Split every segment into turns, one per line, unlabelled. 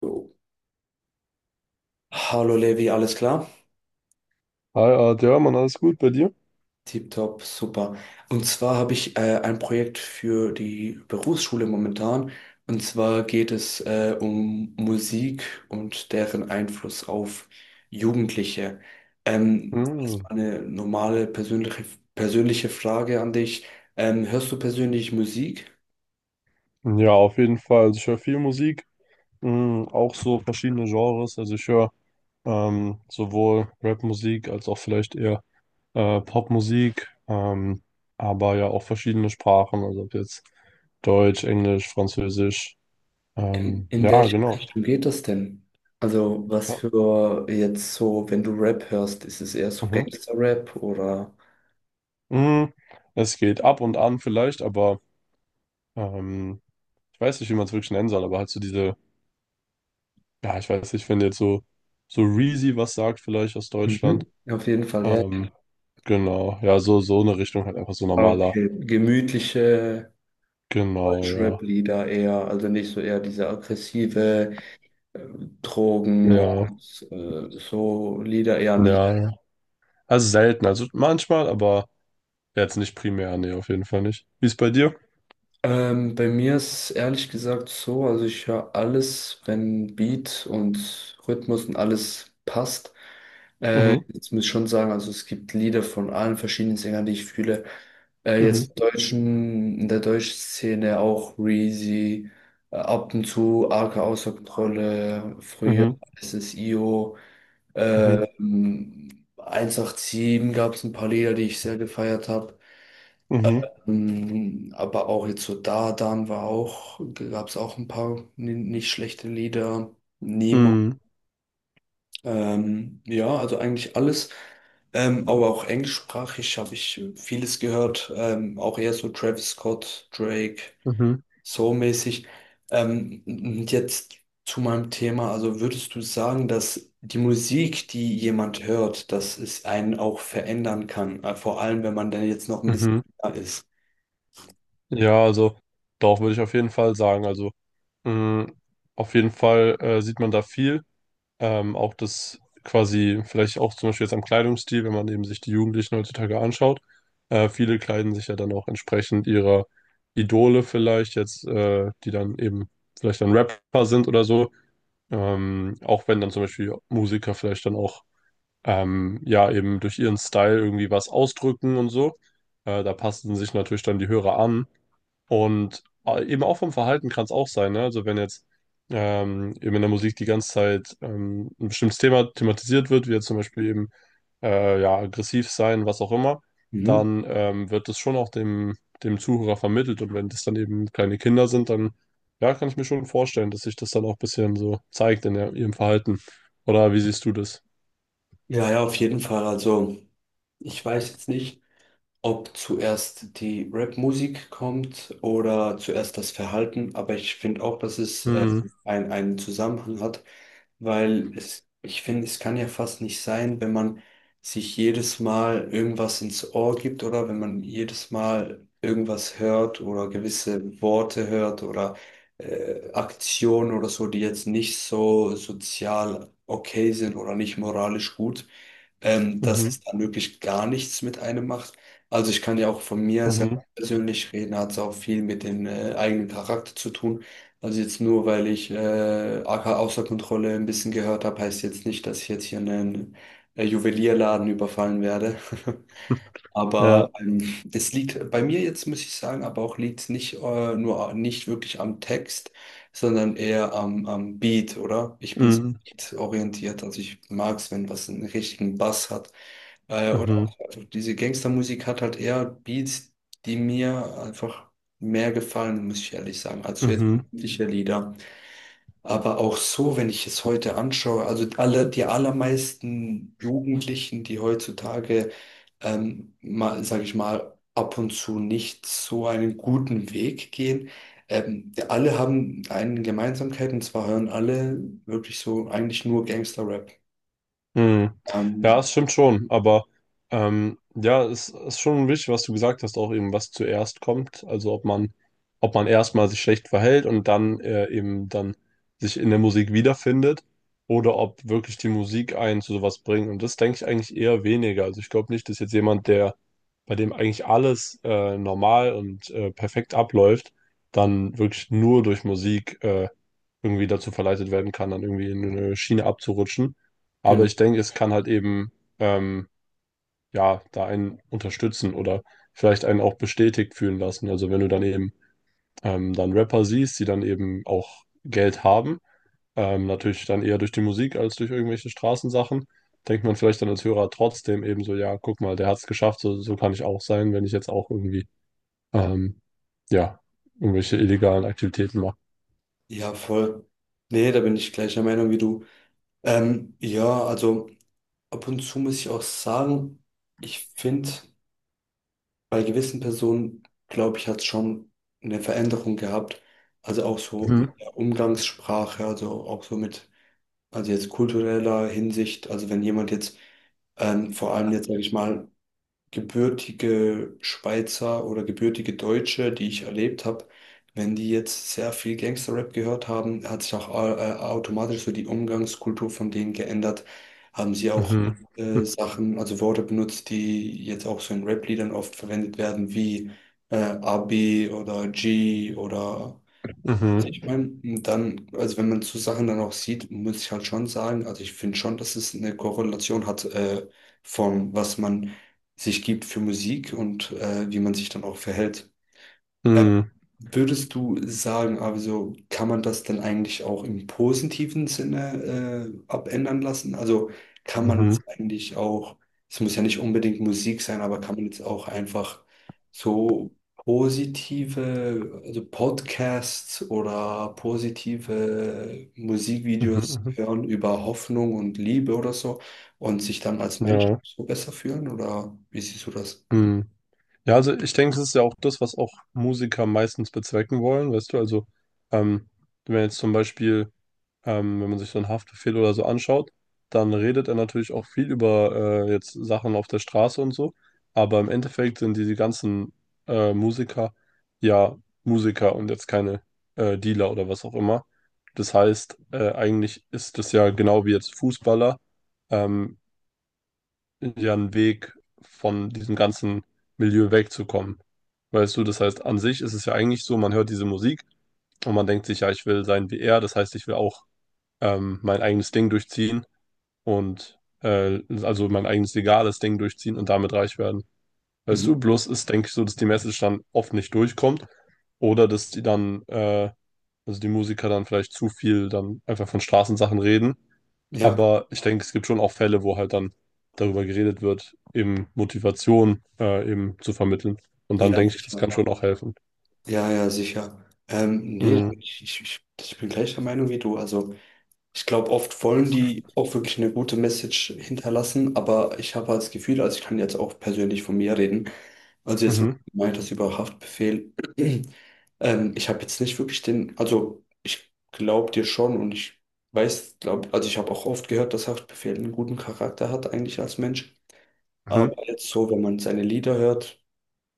Jo. Hallo Levi, alles klar?
Hi, Art, ja, Mann, alles gut bei dir?
Tipptopp, super. Und zwar habe ich ein Projekt für die Berufsschule momentan. Und zwar geht es um Musik und deren Einfluss auf Jugendliche.
Hm.
Erstmal eine persönliche Frage an dich. Hörst du persönlich Musik?
Ja, auf jeden Fall. Also ich höre viel Musik, hm, auch so verschiedene Genres. Also ich höre sowohl Rap-Musik als auch vielleicht eher Popmusik, aber ja auch verschiedene Sprachen, also ob jetzt Deutsch, Englisch, Französisch.
In, in
Ja,
welche
genau.
Richtung geht das denn? Also was
Ja.
für jetzt so, wenn du Rap hörst, ist es eher so
Mhm.
Gangster-Rap oder...
Hm, es geht ab und an vielleicht, aber ähm, ich weiß nicht, wie man es wirklich nennen soll, aber halt so diese... Ja, ich weiß nicht, wenn jetzt so, so Reezy was sagt, vielleicht aus Deutschland.
Mhm. Auf jeden Fall, ja.
Ähm, genau, ja, so, so eine Richtung halt einfach, so normaler.
Okay, gemütliche
Genau, ja.
Deutschrap-Lieder eher, also nicht so eher diese aggressive äh, Drogen,
Ja,
Mords, so Lieder eher nicht.
ja, ja. Also selten, also manchmal, aber jetzt nicht primär, nee, auf jeden Fall nicht. Wie ist bei dir?
Bei mir ist es ehrlich gesagt so, also ich höre alles, wenn Beat und Rhythmus und alles passt.
Mhm,
Jetzt muss ich schon sagen, also es gibt Lieder von allen verschiedenen Sängern, die ich fühle. Jetzt
mhm,
im deutschen, in der deutschen Szene auch Reezy, ab und zu Arke außer Kontrolle, früher
mhm,
SSIO,
mhm,
ähm, 187 gab es ein paar Lieder, die ich sehr gefeiert habe.
mhm,
Aber auch jetzt so Da Dan war auch, gab es auch ein paar nicht schlechte Lieder. Nemo.
mhm,
Ja, also eigentlich alles. Aber auch englischsprachig habe ich vieles gehört. Auch eher so Travis Scott, Drake,
mhm,
so mäßig. Und jetzt zu meinem Thema. Also würdest du sagen, dass die Musik, die jemand hört, dass es einen auch verändern kann? Vor allem, wenn man dann jetzt noch ein bisschen
mhm.
jünger ist.
Ja, also doch, würde ich auf jeden Fall sagen. Also, mh, auf jeden Fall sieht man da viel. Auch das quasi, vielleicht auch zum Beispiel jetzt am Kleidungsstil, wenn man eben sich die Jugendlichen heutzutage anschaut. Viele kleiden sich ja dann auch entsprechend ihrer Idole vielleicht, jetzt, die dann eben vielleicht dann Rapper sind oder so. Auch wenn dann zum Beispiel Musiker vielleicht dann auch ja, eben durch ihren Style irgendwie was ausdrücken und so. Da passen sich natürlich dann die Hörer an. Und eben auch vom Verhalten kann es auch sein, ne? Also wenn jetzt eben in der Musik die ganze Zeit ein bestimmtes Thema thematisiert wird, wie jetzt zum Beispiel eben ja, aggressiv sein, was auch immer,
Mhm.
dann wird das schon auch dem, dem Zuhörer vermittelt. Und wenn das dann eben kleine Kinder sind, dann ja, kann ich mir schon vorstellen, dass sich das dann auch ein bisschen so zeigt in der, ihrem Verhalten. Oder wie siehst du das?
Ja, ja, auf jeden Fall. Also ich weiß jetzt nicht, ob zuerst die Rap-Musik kommt oder zuerst das Verhalten, aber ich finde auch, dass es einen Zusammenhang hat, weil es, ich finde, es kann ja fast nicht sein, wenn man sich jedes Mal irgendwas ins Ohr gibt oder wenn man jedes Mal irgendwas hört oder gewisse Worte hört oder Aktionen oder so, die jetzt nicht so sozial okay sind oder nicht moralisch gut, dass
Mhm,
es dann wirklich gar nichts mit einem macht. Also ich kann ja auch von mir selbst
mhm,
persönlich reden, hat es auch viel mit dem eigenen Charakter zu tun. Also jetzt nur, weil ich AK außer Kontrolle ein bisschen gehört habe, heißt jetzt nicht, dass ich jetzt hier einen Juwelierladen überfallen werde.
ja,
Aber es liegt bei mir jetzt, muss ich sagen, aber auch liegt es nicht wirklich am Text, sondern eher am Beat, oder? Ich bin
mhm,
beat orientiert, also ich mag es, wenn was einen richtigen Bass hat. Und
mhm,
auch, also diese Gangstermusik hat halt eher Beats, die mir einfach mehr gefallen, muss ich ehrlich sagen, als so jetzt
mhm.
übliche Lieder. Aber auch so, wenn ich es heute anschaue, also alle, die allermeisten Jugendlichen, die heutzutage, mal, sage ich mal, ab und zu nicht so einen guten Weg gehen, die alle haben eine Gemeinsamkeit und zwar hören alle wirklich so eigentlich nur Gangster-Rap.
Hm. Ja,
Ähm,
es stimmt schon, aber ja, es ist schon wichtig, was du gesagt hast, auch eben, was zuerst kommt. Also ob man erstmal sich schlecht verhält und dann eben dann sich in der Musik wiederfindet oder ob wirklich die Musik einen zu sowas bringt. Und das denke ich eigentlich eher weniger. Also ich glaube nicht, dass jetzt jemand, der, bei dem eigentlich alles normal und perfekt abläuft, dann wirklich nur durch Musik irgendwie dazu verleitet werden kann, dann irgendwie in eine Schiene abzurutschen. Aber
genau.
ich denke, es kann halt eben, ähm, ja, da einen unterstützen oder vielleicht einen auch bestätigt fühlen lassen. Also wenn du dann eben dann Rapper siehst, die dann eben auch Geld haben, natürlich dann eher durch die Musik als durch irgendwelche Straßensachen, denkt man vielleicht dann als Hörer trotzdem eben so, ja, guck mal, der hat es geschafft, so, so kann ich auch sein, wenn ich jetzt auch irgendwie, ähm, ja, irgendwelche illegalen Aktivitäten mache.
Ja, voll. Nee, da bin ich gleicher Meinung wie du. Ja, also ab und zu muss ich auch sagen, ich finde, bei gewissen Personen, glaube ich, hat es schon eine Veränderung gehabt. Also auch so
Mhm,
mit der Umgangssprache, also auch so mit, also jetzt kultureller Hinsicht. Also wenn jemand jetzt, vor allem jetzt, sage ich mal, gebürtige Schweizer oder gebürtige Deutsche, die ich erlebt habe, wenn die jetzt sehr viel Gangster-Rap gehört haben, hat sich auch automatisch so die Umgangskultur von denen geändert. Haben sie auch
mhm,
Sachen, also Worte benutzt, die jetzt auch so in Rap-Liedern oft verwendet werden, wie AB oder G oder ich
mhm,
meine, dann, also wenn man so Sachen dann auch sieht, muss ich halt schon sagen, also ich finde schon, dass es eine Korrelation hat, von was man sich gibt für Musik und wie man sich dann auch verhält. Äh,
mhm,
Würdest du sagen, also kann man das dann eigentlich auch im positiven Sinne abändern lassen? Also kann man jetzt
mhm,
eigentlich auch, Es muss ja nicht unbedingt Musik sein, aber kann man jetzt auch einfach so positive, also Podcasts oder positive
mhm,
Musikvideos
mhm.
hören über Hoffnung und Liebe oder so und sich dann als Mensch
Ja.
so besser fühlen? Oder wie siehst du das?
Hm. Ja, also ich denke, das ist ja auch das, was auch Musiker meistens bezwecken wollen, weißt du, also ähm, wenn jetzt zum Beispiel, wenn man sich so einen Haftbefehl oder so anschaut, dann redet er natürlich auch viel über jetzt Sachen auf der Straße und so, aber im Endeffekt sind diese ganzen Musiker ja Musiker und jetzt keine Dealer oder was auch immer. Das heißt, eigentlich ist das ja genau wie jetzt Fußballer. Ähm, ja, einen Weg, von diesem ganzen Milieu wegzukommen. Weißt du, das heißt, an sich ist es ja eigentlich so, man hört diese Musik und man denkt sich, ja, ich will sein wie er, das heißt, ich will auch mein eigenes Ding durchziehen und also mein eigenes legales Ding durchziehen und damit reich werden. Weißt
Mhm.
du, bloß ist, denke ich, so, dass die Message dann oft nicht durchkommt oder dass die dann, also die Musiker dann vielleicht zu viel dann einfach von Straßensachen reden,
Ja,
aber ich denke, es gibt schon auch Fälle, wo halt dann darüber geredet wird, eben Motivation eben zu vermitteln. Und dann
ja,
denke ich, das kann
sicher.
schon auch helfen.
Ja, ja, sicher. Nee,
Mhm,
ich bin gleicher Meinung wie du. Also ich glaube, oft wollen die auch wirklich eine gute Message hinterlassen, aber ich habe halt das Gefühl, also ich kann jetzt auch persönlich von mir reden. Also jetzt, wo du
mhm,
gemeint hast über Haftbefehl, ich habe jetzt nicht wirklich den, also ich glaube dir schon und ich weiß, glaub, also ich habe auch oft gehört, dass Haftbefehl einen guten Charakter hat eigentlich als Mensch. Aber
mhm,
jetzt so, wenn man seine Lieder hört,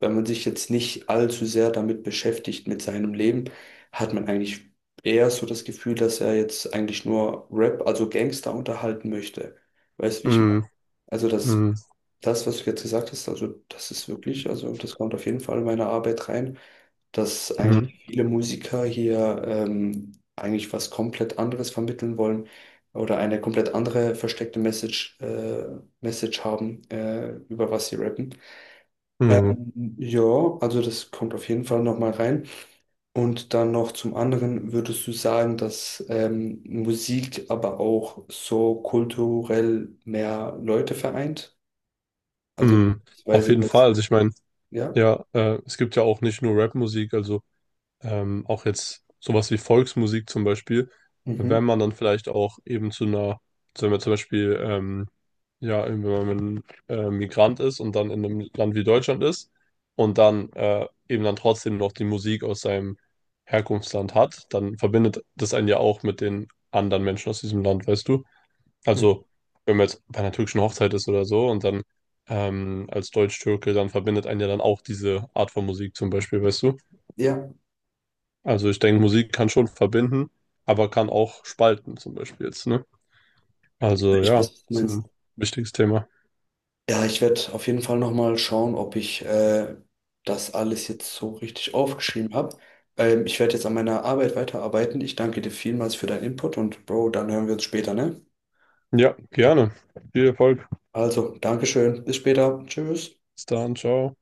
wenn man sich jetzt nicht allzu sehr damit beschäftigt mit seinem Leben, hat man eigentlich eher so das Gefühl, dass er jetzt eigentlich nur Rap, also Gangster unterhalten möchte. Weißt du, wie ich meine?
mhm,
Also
mhm,
was du jetzt gesagt hast, also das ist wirklich, also das kommt auf jeden Fall in meine Arbeit rein, dass
mhm,
eigentlich viele Musiker hier, eigentlich was komplett anderes vermitteln wollen oder eine komplett andere versteckte Message haben, über was sie rappen.
mhm,
Ja, also das kommt auf jeden Fall nochmal rein. Und dann noch zum anderen, würdest du sagen, dass Musik aber auch so kulturell mehr Leute vereint? Also
mhm. Auf
beziehungsweise
jeden Fall.
das,
Also ich meine,
ja?
ja, es gibt ja auch nicht nur Rap-Musik, also auch jetzt sowas wie Volksmusik zum Beispiel,
Mhm.
wenn man dann vielleicht auch eben zu einer, also wenn man zum Beispiel, ja, wenn man Migrant ist und dann in einem Land wie Deutschland ist und dann eben dann trotzdem noch die Musik aus seinem Herkunftsland hat, dann verbindet das einen ja auch mit den anderen Menschen aus diesem Land, weißt du?
Mhm.
Also, wenn man jetzt bei einer türkischen Hochzeit ist oder so und dann als Deutsch-Türke, dann verbindet einen ja dann auch diese Art von Musik zum Beispiel, weißt du?
Ja,
Also ich denke, Musik kann schon verbinden, aber kann auch spalten zum Beispiel jetzt, ne? Also
ich weiß,
ja,
was du
ist
meinst.
ein wichtiges Thema.
Ja, ich werde auf jeden Fall nochmal schauen, ob ich das alles jetzt so richtig aufgeschrieben habe. Ich werde jetzt an meiner Arbeit weiterarbeiten. Ich danke dir vielmals für deinen Input und Bro, dann hören wir uns später, ne?
Ja, gerne. Viel Erfolg.
Also, Dankeschön. Bis später. Tschüss.
Bis dann, ciao.